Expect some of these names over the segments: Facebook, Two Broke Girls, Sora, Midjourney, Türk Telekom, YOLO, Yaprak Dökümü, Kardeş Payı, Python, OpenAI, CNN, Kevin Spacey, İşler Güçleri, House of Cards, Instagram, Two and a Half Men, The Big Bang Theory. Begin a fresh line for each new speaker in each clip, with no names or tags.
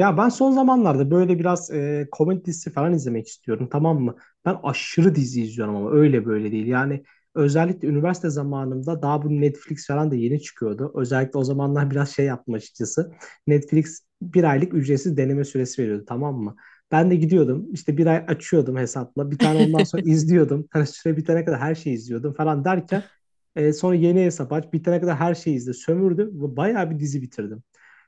Ya ben son zamanlarda böyle biraz komedi dizisi falan izlemek istiyorum, tamam mı? Ben aşırı dizi izliyorum ama öyle böyle değil. Yani özellikle üniversite zamanımda daha bu Netflix falan da yeni çıkıyordu. Özellikle o zamanlar biraz şey yaptım açıkçası. Netflix bir aylık ücretsiz deneme süresi veriyordu, tamam mı? Ben de gidiyordum işte bir ay açıyordum hesapla bir tane ondan sonra izliyordum. Hani süre bitene kadar her şeyi izliyordum falan derken sonra yeni hesap aç bitene kadar her şeyi izle sömürdüm ve bayağı bir dizi bitirdim.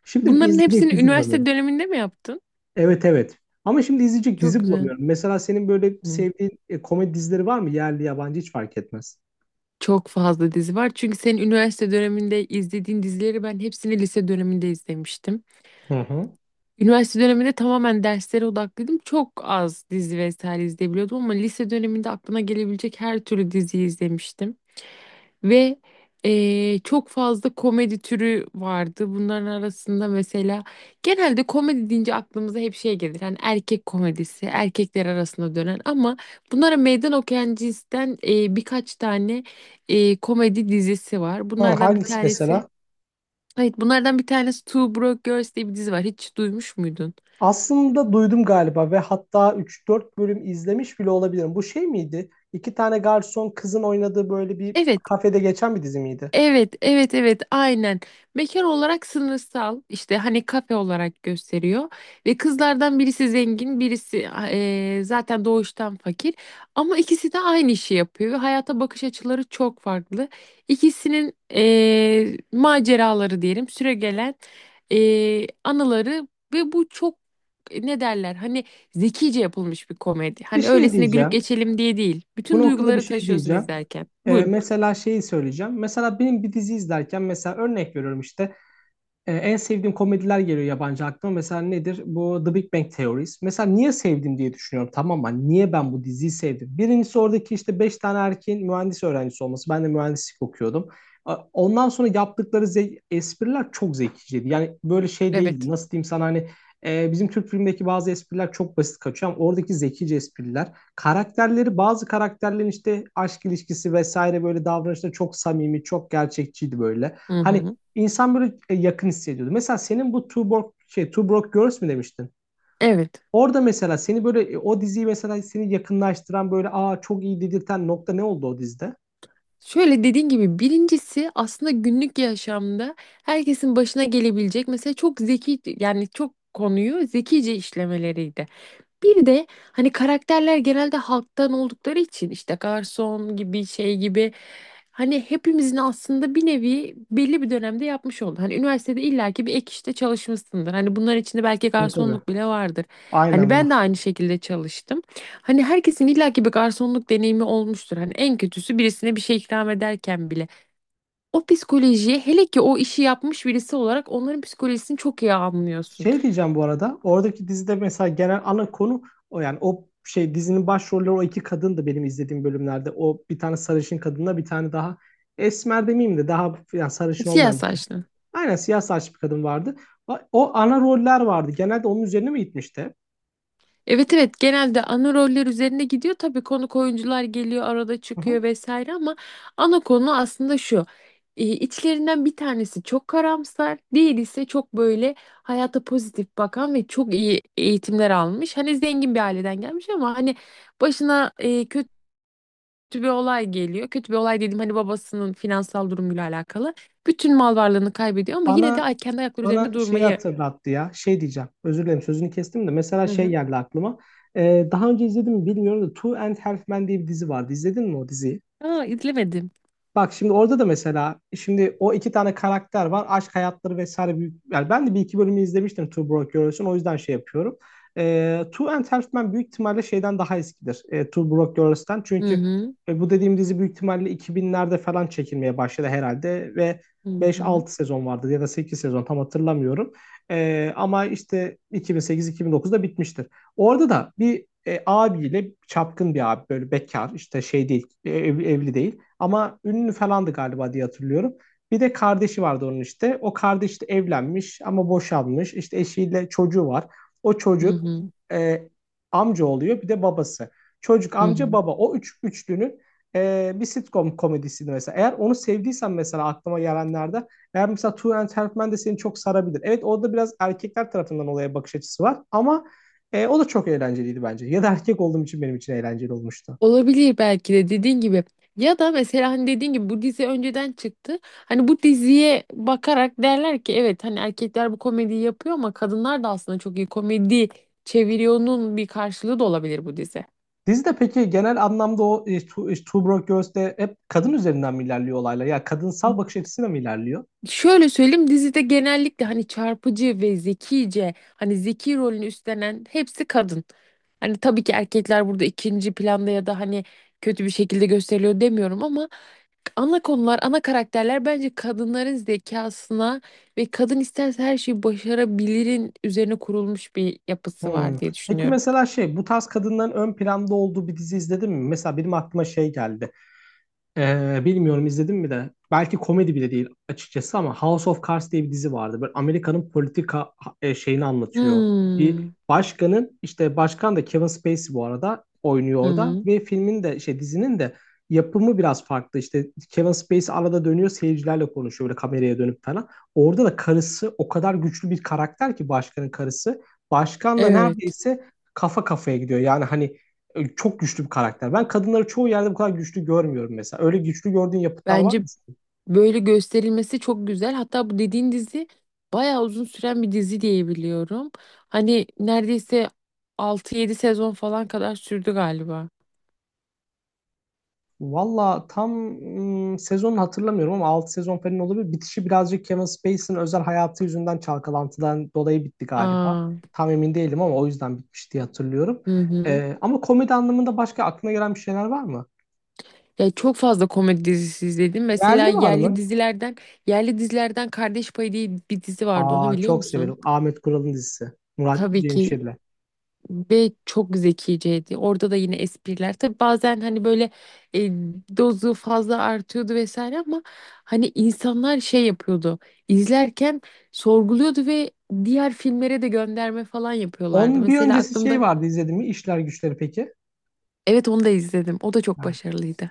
Şimdi
Bunların
izleyecek
hepsini
dizi var.
üniversite döneminde mi yaptın?
Evet, evet. Ama şimdi izleyecek
Çok
dizi
güzel.
bulamıyorum. Mesela senin böyle
Hı.
sevdiğin komedi dizileri var mı? Yerli yabancı hiç fark etmez.
Çok fazla dizi var. Çünkü senin üniversite döneminde izlediğin dizileri ben hepsini lise döneminde izlemiştim.
Hı hı.
Üniversite döneminde tamamen derslere odaklıydım. Çok az dizi vesaire izleyebiliyordum ama lise döneminde aklına gelebilecek her türlü diziyi izlemiştim. Ve çok fazla komedi türü vardı. Bunların arasında mesela genelde komedi deyince aklımıza hep şey gelir. Hani erkek komedisi, erkekler arasında dönen ama bunlara meydan okuyan cinsten birkaç tane komedi dizisi var.
Hı,
Bunlardan bir
hangisi
tanesi,
mesela?
evet bunlardan bir tanesi Two Broke Girls diye bir dizi var. Hiç duymuş muydun?
Aslında duydum galiba ve hatta üç dört bölüm izlemiş bile olabilirim. Bu şey miydi? İki tane garson kızın oynadığı böyle bir
Evet.
kafede geçen bir dizi miydi?
Evet, evet, evet, aynen. Mekan olarak sınırsal, işte hani kafe olarak gösteriyor ve kızlardan birisi zengin, birisi zaten doğuştan fakir. Ama ikisi de aynı işi yapıyor ve hayata bakış açıları çok farklı. İkisinin maceraları diyelim, süregelen anıları ve bu çok ne derler? Hani zekice yapılmış bir komedi.
Bir
Hani
şey
öylesine gülüp
diyeceğim.
geçelim diye değil.
Bu
Bütün
noktada bir
duyguları
şey
taşıyorsun
diyeceğim.
izlerken. Buyurun.
Mesela şeyi söyleyeceğim. Mesela benim bir dizi izlerken mesela örnek veriyorum işte. En sevdiğim komediler geliyor yabancı aklıma. Mesela nedir? Bu The Big Bang Theories. Mesela niye sevdim diye düşünüyorum. Tamam mı? Hani niye ben bu diziyi sevdim? Birincisi oradaki işte 5 tane erkeğin mühendis öğrencisi olması. Ben de mühendislik okuyordum. Ondan sonra yaptıkları espriler çok zekiciydi. Yani böyle şey değildi.
Evet.
Nasıl diyeyim sana, hani bizim Türk filmindeki bazı espriler çok basit kaçıyor ama oradaki zekice espriler. Karakterleri, bazı karakterlerin işte aşk ilişkisi vesaire, böyle davranışları çok samimi, çok gerçekçiydi böyle.
Hı
Hani
hı.
insan böyle yakın hissediyordu. Mesela senin bu Two Broke, şey, Two Broke Girls mi demiştin?
Evet.
Orada mesela seni böyle o diziyi mesela seni yakınlaştıran böyle aa çok iyi dedirten nokta ne oldu o dizide?
Şöyle dediğin gibi birincisi aslında günlük yaşamda herkesin başına gelebilecek mesela çok zeki, yani çok konuyu zekice işlemeleriydi. Bir de hani karakterler genelde halktan oldukları için işte garson gibi şey gibi hani hepimizin aslında bir nevi belli bir dönemde yapmış oldu. Hani üniversitede illaki bir ek işte çalışmışsındır. Hani bunların içinde belki
Tabii, tabii.
garsonluk bile vardır. Hani
Aynen,
ben de
var.
aynı şekilde çalıştım. Hani herkesin illaki bir garsonluk deneyimi olmuştur. Hani en kötüsü birisine bir şey ikram ederken bile. O psikolojiye, hele ki o işi yapmış birisi olarak onların psikolojisini çok iyi anlıyorsun.
Şey diyeceğim bu arada. Oradaki dizide mesela genel ana konu o, yani o şey dizinin başrolleri o iki kadın da benim izlediğim bölümlerde. O bir tane sarışın kadınla bir tane daha esmer demeyeyim de daha yani sarışın
Siyah
olmayan bir kadın.
saçlı.
Aynen, siyah saçlı bir kadın vardı. O, o ana roller vardı. Genelde onun üzerine mi gitmişti?
Evet, evet, genelde ana roller üzerine gidiyor. Tabii konuk oyuncular geliyor, arada
Hı hı.
çıkıyor vesaire, ama ana konu aslında şu. İçlerinden bir tanesi çok karamsar, diğeri ise çok böyle hayata pozitif bakan ve çok iyi eğitimler almış. Hani zengin bir aileden gelmiş ama hani başına kötü bir olay geliyor. Kötü bir olay dedim, hani babasının finansal durumuyla alakalı. Bütün mal varlığını kaybediyor ama yine de
Bana
kendi ayakları üzerinde
bana şey
durmayı.
hatırlattı ya. Şey diyeceğim. Özür dilerim, sözünü kestim de. Mesela
Hı
şey
hı.
geldi aklıma. Daha önce izledim mi bilmiyorum da Two and Half Men diye bir dizi vardı. İzledin mi o diziyi?
Aa, izlemedim.
Bak şimdi orada da mesela şimdi o iki tane karakter var. Aşk hayatları vesaire büyük. Yani ben de bir iki bölümü izlemiştim Two Broke Girls'ün. O yüzden şey yapıyorum. E, Two and Half Men büyük ihtimalle şeyden daha eskidir. E, Two Broke Girls'ten.
Hı
Çünkü
hı.
bu dediğim dizi büyük ihtimalle 2000'lerde falan çekilmeye başladı herhalde. Ve
Hı hı.
5-6 sezon vardı ya da 8 sezon tam hatırlamıyorum. E, ama işte 2008-2009'da bitmiştir. Orada da bir abiyle çapkın bir abi böyle bekar işte şey değil evli değil ama ünlü falandı galiba diye hatırlıyorum. Bir de kardeşi vardı onun işte. O kardeş de evlenmiş ama boşanmış. İşte eşiyle çocuğu var. O
Hı
çocuk
hı.
e, amca oluyor bir de babası. Çocuk
Hı
amca
hı.
baba o üç üçlünün bir sitcom komedisiydi mesela. Eğer onu sevdiysen mesela aklıma gelenlerde eğer mesela Two and a Half Men de seni çok sarabilir. Evet orada biraz erkekler tarafından olaya bakış açısı var ama o da çok eğlenceliydi bence. Ya da erkek olduğum için benim için eğlenceli olmuştu.
Olabilir, belki de dediğin gibi. Ya da mesela hani dediğin gibi bu dizi önceden çıktı. Hani bu diziye bakarak derler ki evet, hani erkekler bu komediyi yapıyor ama kadınlar da aslında çok iyi komedi çeviriyor'nun bir karşılığı da olabilir bu dizi.
Dizide peki genel anlamda o Two Broke Girls'te hep kadın üzerinden mi ilerliyor olaylar? Ya kadınsal bakış açısıyla mı ilerliyor?
Şöyle söyleyeyim, dizide genellikle hani çarpıcı ve zekice, hani zeki rolünü üstlenen hepsi kadın. Hani tabii ki erkekler burada ikinci planda ya da hani kötü bir şekilde gösteriliyor demiyorum ama ana konular, ana karakterler bence kadınların zekasına ve kadın isterse her şeyi başarabilirin üzerine kurulmuş bir yapısı
Hmm.
var diye
Peki
düşünüyorum.
mesela şey, bu tarz kadınların ön planda olduğu bir dizi izledin mi? Mesela benim aklıma şey geldi. Bilmiyorum izledim mi de. Belki komedi bile değil açıkçası ama House of Cards diye bir dizi vardı. Böyle Amerika'nın politika şeyini anlatıyor. Bir
Hmm.
başkanın, işte başkan da Kevin Spacey bu arada oynuyor
Hı
orada
hı.
ve filmin de şey dizinin de yapımı biraz farklı. İşte Kevin Spacey arada dönüyor seyircilerle konuşuyor böyle kameraya dönüp falan. Orada da karısı o kadar güçlü bir karakter ki, başkanın karısı. Başkanla
Evet.
neredeyse kafa kafaya gidiyor. Yani hani çok güçlü bir karakter. Ben kadınları çoğu yerde bu kadar güçlü görmüyorum mesela. Öyle güçlü gördüğün yapıtlar var mı?
Bence böyle gösterilmesi çok güzel. Hatta bu dediğin dizi bayağı uzun süren bir dizi diye biliyorum. Hani neredeyse 6-7 sezon falan kadar sürdü galiba.
Valla tam sezonunu hatırlamıyorum ama 6 sezon falan olabilir. Bitişi birazcık Kevin Spacey'nin özel hayatı yüzünden çalkalantıdan dolayı bitti galiba.
Aa,
Tam emin değilim ama o yüzden bitmiş diye hatırlıyorum.
hı hı.
E, ama komedi anlamında başka aklına gelen bir şeyler var mı?
Ya çok fazla komedi dizisi izledim. Mesela
Yerli var
yerli
mı?
dizilerden, yerli dizilerden Kardeş Payı diye bir dizi vardı. Onu
Aa,
biliyor
çok
musun?
severim. Ahmet Kural'ın dizisi. Murat
Tabii ki.
Cemşir'le.
Ve çok zekiceydi. Orada da yine espriler. Tabii bazen hani böyle e, dozu fazla artıyordu vesaire ama hani insanlar şey yapıyordu. İzlerken sorguluyordu ve diğer filmlere de gönderme falan yapıyorlardı.
Onun bir
Mesela
öncesi şey
aklımda
vardı, izledim mi? İşler Güçleri peki?
evet, onu da izledim. O da çok
Ha.
başarılıydı.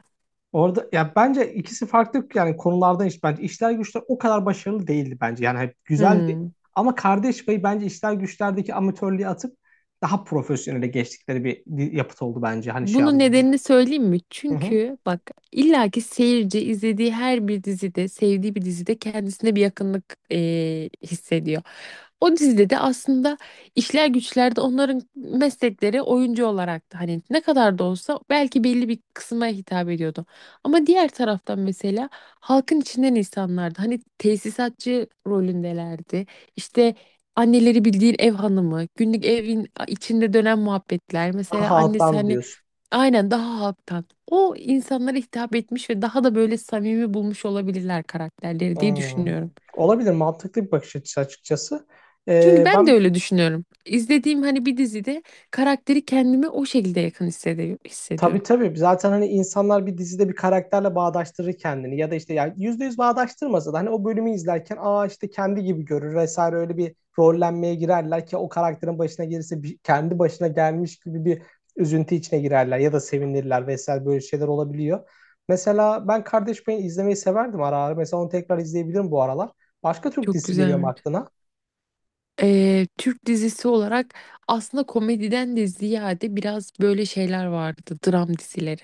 Orada ya bence ikisi farklı yani konulardan, iş bence işler güçler o kadar başarılı değildi bence. Yani hep güzeldi
Hmm.
ama Kardeş Payı bence işler güçlerdeki amatörlüğü atıp daha profesyonele geçtikleri bir yapıt oldu bence hani şey
Bunun
anlamda.
nedenini söyleyeyim mi?
Hı hı.
Çünkü bak, illaki seyirci izlediği her bir dizide, sevdiği bir dizide kendisine bir yakınlık hissediyor. O dizide de aslında işler güçler de onların meslekleri oyuncu olarak da hani ne kadar da olsa belki belli bir kısma hitap ediyordu. Ama diğer taraftan mesela halkın içinden insanlardı. Hani tesisatçı rolündelerdi. İşte anneleri bildiğin ev hanımı, günlük evin içinde dönen muhabbetler. Mesela
Daha
annesi
alttan
hani
diyorsun.
aynen daha halktan. O insanlara hitap etmiş ve daha da böyle samimi bulmuş olabilirler karakterleri diye
Hmm.
düşünüyorum.
Olabilir, mantıklı bir bakış açısı açıkçası.
Çünkü
Ee,
ben de
ben
öyle düşünüyorum. İzlediğim hani bir dizide karakteri kendime o şekilde yakın hissediyorum.
Tabii,
hissediyorum.
tabii. Zaten hani insanlar bir dizide bir karakterle bağdaştırır kendini ya da işte yani %100 bağdaştırmasa da hani o bölümü izlerken aa işte kendi gibi görür vesaire, öyle bir rollenmeye girerler ki, o karakterin başına gelirse kendi başına gelmiş gibi bir üzüntü içine girerler ya da sevinirler vesaire, böyle şeyler olabiliyor. Mesela ben Kardeş Payı izlemeyi severdim ara ara. Mesela onu tekrar izleyebilirim bu aralar. Başka Türk
Çok
dizisi
güzel.
geliyor mu
Bence.
aklına?
Türk dizisi olarak aslında komediden de ziyade biraz böyle şeyler vardı. Dram dizileri.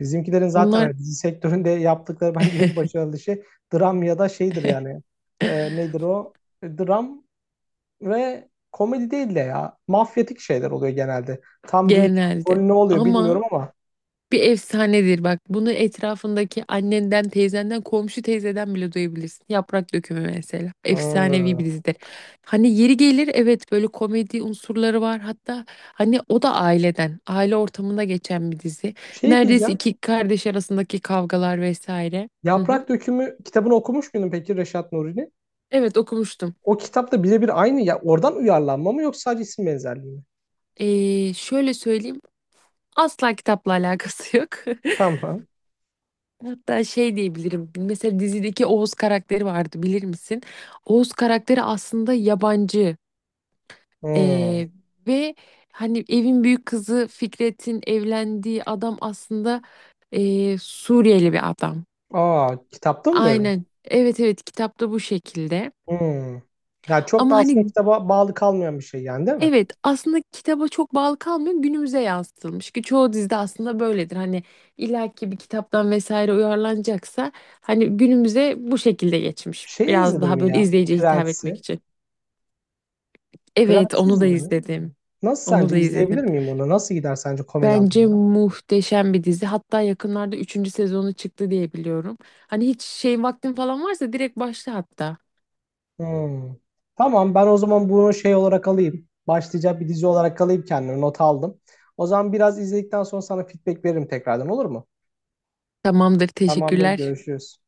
Bizimkilerin zaten
Onlar
hani dizi sektöründe yaptıkları bence en başarılı şey dram ya da şeydir yani. Nedir o? Dram ve komedi değil de ya. Mafyatik şeyler oluyor genelde. Tam rüj-
genelde.
rolü ne oluyor bilmiyorum
Ama
ama.
bir efsanedir bak. Bunu etrafındaki annenden, teyzenden, komşu teyzeden bile duyabilirsin. Yaprak Dökümü mesela. Efsanevi bir
Hmm.
dizidir. Hani yeri gelir evet, böyle komedi unsurları var. Hatta hani o da aileden, aile ortamında geçen bir dizi.
Şey
Neredeyse
diyeceğim.
iki kardeş arasındaki kavgalar vesaire. Hı hı.
Yaprak Dökümü kitabını okumuş muydun peki, Reşat Nuri'nin?
Evet, okumuştum.
O kitapta birebir aynı ya. Oradan uyarlanma mı yoksa sadece isim benzerliği mi?
Şöyle söyleyeyim. Asla kitapla alakası yok.
Tamam.
Hatta şey diyebilirim. Mesela dizideki Oğuz karakteri vardı, bilir misin? Oğuz karakteri aslında yabancı.
Hmm.
Ee, ve hani evin büyük kızı Fikret'in evlendiği adam aslında Suriyeli bir adam.
Aa, kitapta mı böyle?
Aynen. Evet, evet, kitapta bu şekilde.
Hmm. Ya çok da
Ama
aslında
hani
kitaba bağlı kalmayan bir şey yani, değil mi?
evet, aslında kitaba çok bağlı kalmıyor, günümüze yansıtılmış ki çoğu dizide aslında böyledir. Hani illaki bir kitaptan vesaire uyarlanacaksa hani günümüze bu şekilde geçmiş.
Şey
Biraz
izledin
daha
mi
böyle
ya?
izleyiciye hitap etmek
Friends'i.
için. Evet,
Friends'i
onu da
izledin mi?
izledim.
Nasıl,
Onu
sence
da
izleyebilir
izledim.
miyim onu? Nasıl gider sence komedi
Bence
anlamında?
muhteşem bir dizi. Hatta yakınlarda üçüncü sezonu çıktı diye biliyorum. Hani hiç şey vaktin falan varsa direkt başla hatta.
Hmm. Tamam, ben o zaman bunu şey olarak alayım. Başlayacak bir dizi olarak alayım kendime. Not aldım. O zaman biraz izledikten sonra sana feedback veririm tekrardan, olur mu?
Tamamdır,
Tamamdır,
teşekkürler.
görüşürüz.